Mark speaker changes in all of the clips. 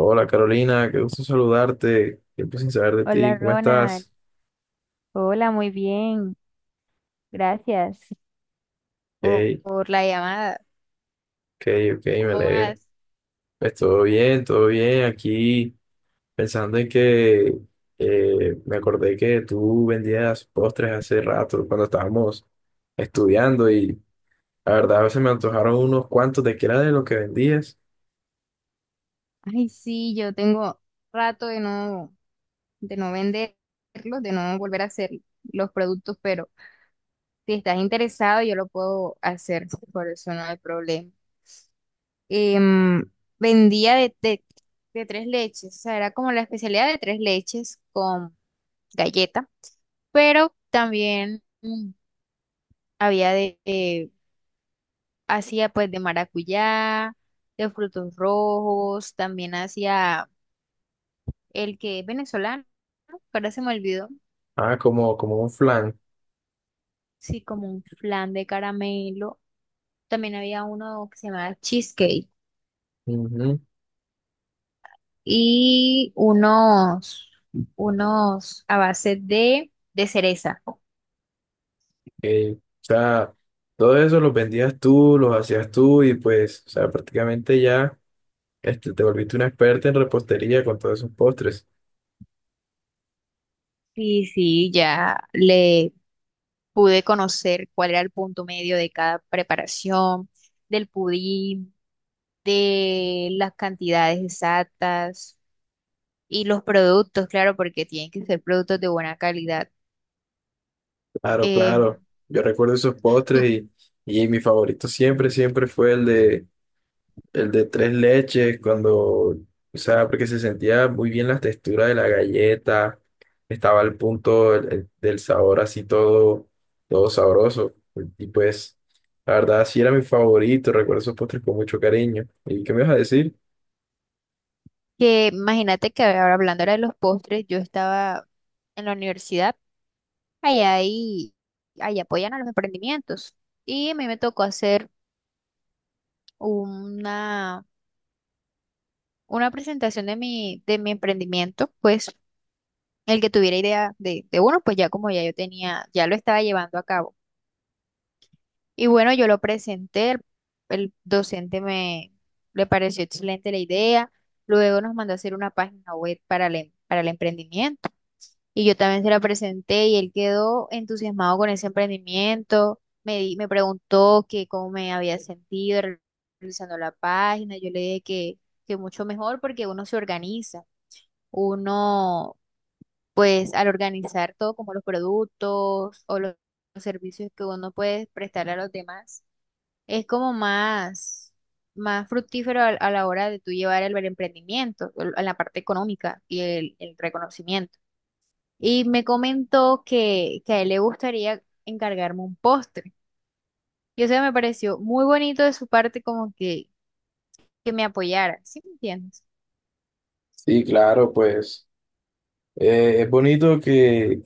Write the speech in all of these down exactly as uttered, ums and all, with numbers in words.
Speaker 1: Hola Carolina, qué gusto saludarte. Tiempo sin saber de
Speaker 2: Hola
Speaker 1: ti, ¿cómo
Speaker 2: Ronald,
Speaker 1: estás?
Speaker 2: hola, muy bien, gracias por,
Speaker 1: Hey,
Speaker 2: por la llamada.
Speaker 1: ok, ok, me
Speaker 2: ¿Cómo
Speaker 1: alegra.
Speaker 2: vas?
Speaker 1: Pues todo bien, todo bien. Aquí pensando en que eh, me acordé que tú vendías postres hace rato cuando estábamos estudiando y la verdad a veces me antojaron unos cuantos de que era de lo que vendías.
Speaker 2: Ay, sí, yo tengo rato de no, de no venderlos, de no volver a hacer los productos, pero si estás interesado, yo lo puedo hacer, por eso no hay problema. Em, Vendía de, de, de tres leches, o sea, era como la especialidad de tres leches con galleta, pero también mm, había de, eh, hacía pues de maracuyá, de frutos rojos, también hacía el que es venezolano, ahora se me olvidó.
Speaker 1: Ah, como, como un flan.
Speaker 2: Sí, como un flan de caramelo. También había uno que se llamaba cheesecake
Speaker 1: Ujú,
Speaker 2: y unos, unos a base de, de cereza.
Speaker 1: ok. O sea, todo eso los vendías tú, los hacías tú y pues, o sea, prácticamente ya. Este, te volviste una experta en repostería con todos esos postres.
Speaker 2: Sí, sí, ya le pude conocer cuál era el punto medio de cada preparación, del pudín, de las cantidades exactas. Y los productos, claro, porque tienen que ser productos de buena calidad.
Speaker 1: Claro,
Speaker 2: Em,
Speaker 1: claro. Yo recuerdo esos
Speaker 2: tú-
Speaker 1: postres y, y mi favorito siempre, siempre fue el de, el de tres leches, cuando, o sea, porque se sentía muy bien la textura de la galleta, estaba al punto el- el- del sabor así todo, todo sabroso. Y pues, la verdad, sí era mi favorito, recuerdo esos postres con mucho cariño. ¿Y qué me vas a decir?
Speaker 2: que imagínate que ahora hablando ahora de los postres, yo estaba en la universidad, allá ahí, ahí apoyan a los emprendimientos. Y a mí me tocó hacer una, una presentación de mi, de mi emprendimiento, pues el que tuviera idea de, de uno, pues ya como ya yo tenía, ya lo estaba llevando a cabo. Y bueno, yo lo presenté, el, el docente me le pareció excelente la idea, luego nos mandó a hacer una página web para el, em- para el emprendimiento y yo también se la presenté y él quedó entusiasmado con ese emprendimiento, me, di- me preguntó que cómo me había sentido re- realizando la página. Yo le dije que, que mucho mejor porque uno se organiza, uno pues al organizar todo como los productos o los los servicios que uno puede prestarle a los demás es como más, más fructífero a, a la hora de tú llevar el, el emprendimiento, el- en la parte económica y el, el reconocimiento. Y me comentó que, que a él le gustaría encargarme un postre. Y eso me pareció muy bonito de su parte como que, que me apoyara, ¿sí me entiendes?
Speaker 1: Sí, claro, pues eh, es bonito que,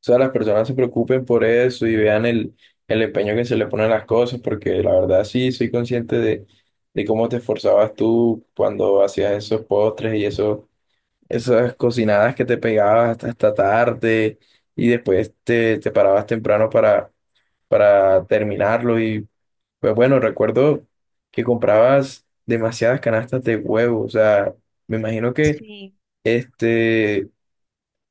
Speaker 1: o sea, las personas se preocupen por eso y vean el, el empeño que se le ponen las cosas, porque la verdad sí soy consciente de, de cómo te esforzabas tú cuando hacías esos postres y eso, esas cocinadas que te pegabas hasta, hasta tarde y después te, te parabas temprano para, para terminarlo. Y pues bueno, recuerdo que comprabas demasiadas canastas de huevo, o sea, me imagino que
Speaker 2: Sí.
Speaker 1: este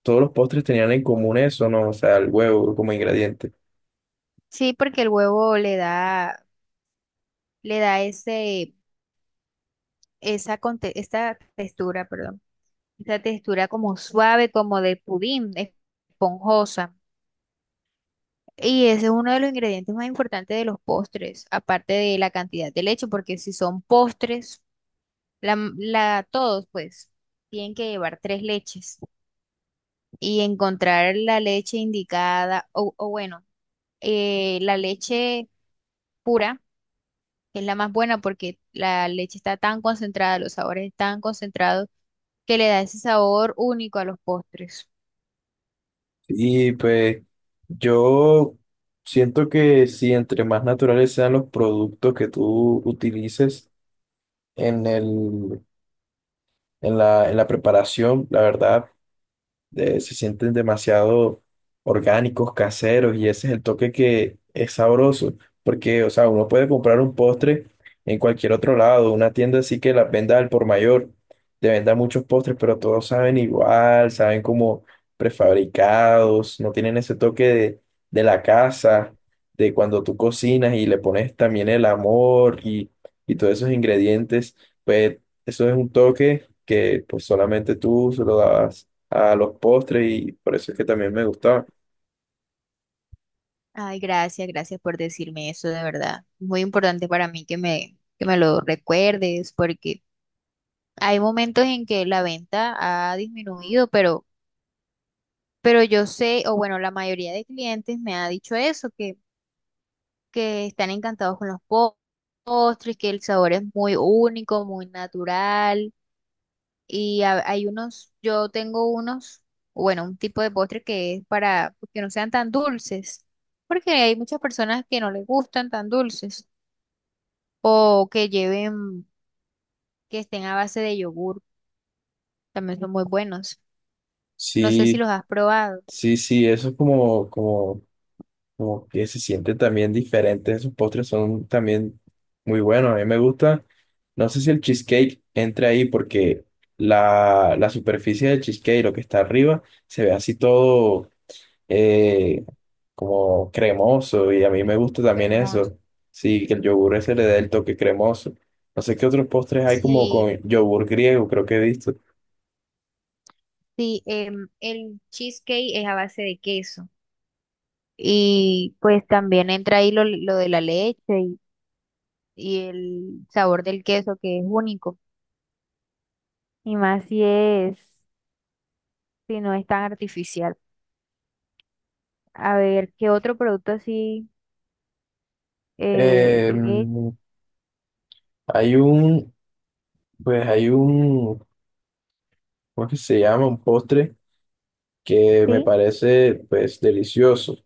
Speaker 1: todos los postres tenían en común eso, ¿no? O sea, el huevo como ingrediente.
Speaker 2: Sí, porque el huevo le da, le da ese, esa, conte- esta textura, perdón, esta textura como suave, como de pudín, esponjosa. Y ese es uno de los ingredientes más importantes de los postres, aparte de la cantidad de leche, porque si son postres, la, m- la- todos pues tienen que llevar tres leches y encontrar la leche indicada, o, o bueno, eh, la leche pura, es la más buena porque la leche está tan concentrada, los sabores están concentrados, que le da ese sabor único a los postres.
Speaker 1: Y pues yo siento que si entre más naturales sean los productos que tú utilices en el, en la, en la preparación, la verdad de- se sienten demasiado orgánicos, caseros, y ese es el toque que es sabroso, porque, o sea, uno puede comprar un postre en cualquier otro lado, una tienda así que las venda al por mayor, te venda muchos postres, pero todos saben igual, saben como prefabricados, no tienen ese toque de, de la casa, de cuando tú cocinas y le pones también el amor y, y todos esos ingredientes, pues eso es un toque que pues solamente tú se lo dabas a los postres y por eso es que también me gustaba.
Speaker 2: Ay, gracias, gracias por decirme eso, de verdad. Muy importante para mí que me, que me lo recuerdes, porque hay momentos en que la venta ha disminuido, pero, pero yo sé, o bueno, la mayoría de clientes me ha dicho eso, que, que están encantados con los po- postres, que el sabor es muy único, muy natural. Y ha- hay unos, yo tengo unos, bueno, un tipo de postre que es para que no sean tan dulces, porque hay muchas personas que no les gustan tan dulces, o que lleven, que estén a base de yogur, también son muy buenos. No sé si
Speaker 1: Sí,
Speaker 2: los has probado.
Speaker 1: sí, sí, eso es como, como, como que se siente también diferente. Esos postres son también muy buenos. A mí me gusta. No sé si el cheesecake entra ahí porque la, la superficie del cheesecake, lo que está arriba, se ve así todo eh, como cremoso y a mí me gusta también
Speaker 2: Cremoso.
Speaker 1: eso. Sí, que el yogur ese le dé el toque cremoso. No sé qué otros postres hay como
Speaker 2: Sí,
Speaker 1: con yogur griego, creo que he visto.
Speaker 2: sí, em, el cheesecake es a base de queso. Y pues también entra ahí lo, lo de la leche y, y el sabor del queso que es único. Y más si es, si no es tan artificial. A ver, ¿qué otro producto así eh,
Speaker 1: Eh,
Speaker 2: he hecho?
Speaker 1: hay un, pues hay un, ¿cómo es que se llama? Un postre que me
Speaker 2: Sí.
Speaker 1: parece, pues, delicioso.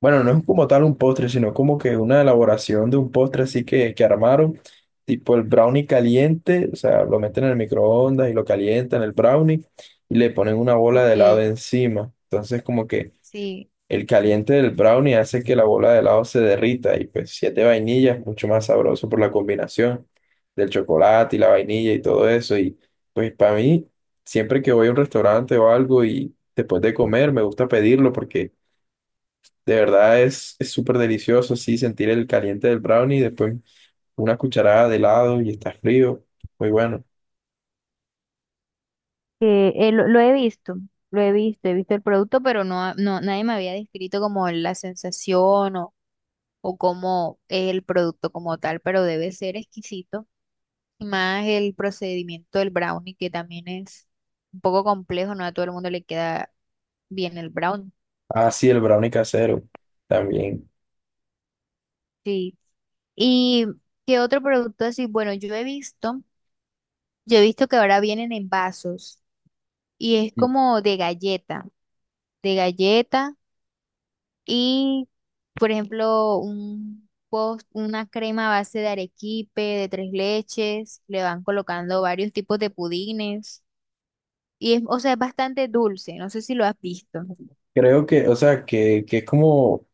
Speaker 1: Bueno, no es como tal un postre, sino como que una elaboración de un postre así que, que armaron, tipo el brownie caliente, o sea, lo meten en el microondas y lo calientan el brownie y le ponen una bola de helado
Speaker 2: Ok,
Speaker 1: encima. Entonces, como que
Speaker 2: sí,
Speaker 1: el caliente del brownie hace que la bola de helado se derrita y pues siete vainillas, mucho más sabroso por la combinación del chocolate y la vainilla y todo eso. Y pues para mí, siempre que voy a un restaurante o algo y después de comer, me gusta pedirlo porque de verdad es es súper delicioso, sí, sentir el caliente del brownie y después una cucharada de helado y está frío. Muy bueno.
Speaker 2: que, eh, lo, lo he visto, lo he visto, he visto el producto, pero no, no, nadie me había descrito como la sensación o o como el producto como tal, pero debe ser exquisito. Y más el procedimiento del brownie, que también es un poco complejo, no a todo el mundo le queda bien el brownie.
Speaker 1: Ah, sí, el brownie casero también.
Speaker 2: Sí. ¿Y qué otro producto así? Bueno, yo he visto, yo he visto que ahora vienen en vasos y es
Speaker 1: Mm.
Speaker 2: como de galleta, de galleta y, por ejemplo, un post una crema a base de arequipe, de tres leches, le van colocando varios tipos de pudines. Y es, o sea, es bastante dulce, no sé si lo has visto.
Speaker 1: Creo que, o sea, que, que es como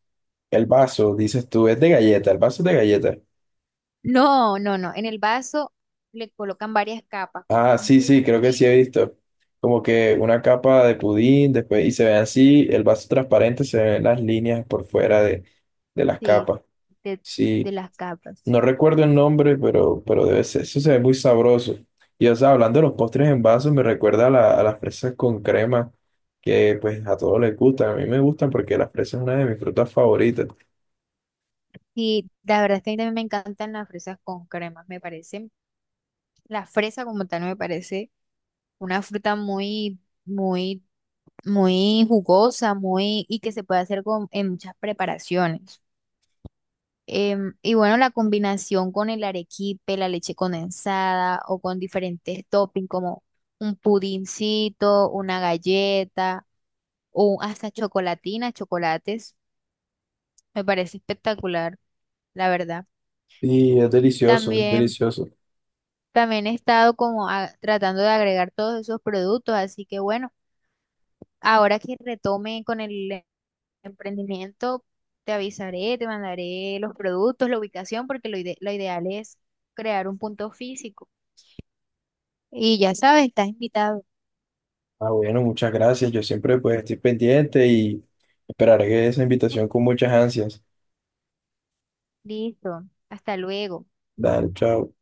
Speaker 1: el vaso, dices tú, es de galleta, el vaso es de galleta.
Speaker 2: No, no, no. En el vaso le colocan varias capas, como
Speaker 1: Ah,
Speaker 2: un
Speaker 1: sí, sí, creo que sí
Speaker 2: pudín,
Speaker 1: he visto. Como que una capa de pudín, después, y se ve así, el vaso transparente, se ven las líneas por fuera de, de las
Speaker 2: sí,
Speaker 1: capas.
Speaker 2: de, de
Speaker 1: Sí,
Speaker 2: las capas.
Speaker 1: no recuerdo el nombre, pero, pero debe ser, eso se ve muy sabroso. Y o sea, hablando de los postres en vaso, me recuerda a, la- a las fresas con crema, que pues a todos les gustan, a mí me gustan porque las fresas es una de mis frutas favoritas.
Speaker 2: Y la verdad es que a mí también me encantan las fresas con cremas, me parecen. La fresa como tal me parece una fruta muy, muy, muy jugosa, muy, y que se puede hacer con, en muchas preparaciones. Em, y bueno, la combinación con el arequipe, la leche condensada o con diferentes toppings como un pudincito, una galleta o hasta chocolatina, chocolates, me parece espectacular, la verdad.
Speaker 1: Y es delicioso, es
Speaker 2: También,
Speaker 1: delicioso.
Speaker 2: también he estado como a- tratando de agregar todos esos productos, así que bueno, ahora que retome con el em- emprendimiento, te avisaré, te mandaré los productos, la ubicación, porque lo ide- lo ideal es crear un punto físico. Y ya sabes, estás invitado.
Speaker 1: Ah, bueno, muchas gracias. Yo siempre pues estoy pendiente y esperaré esa invitación con muchas ansias.
Speaker 2: Listo. Hasta luego.
Speaker 1: Dale, chao.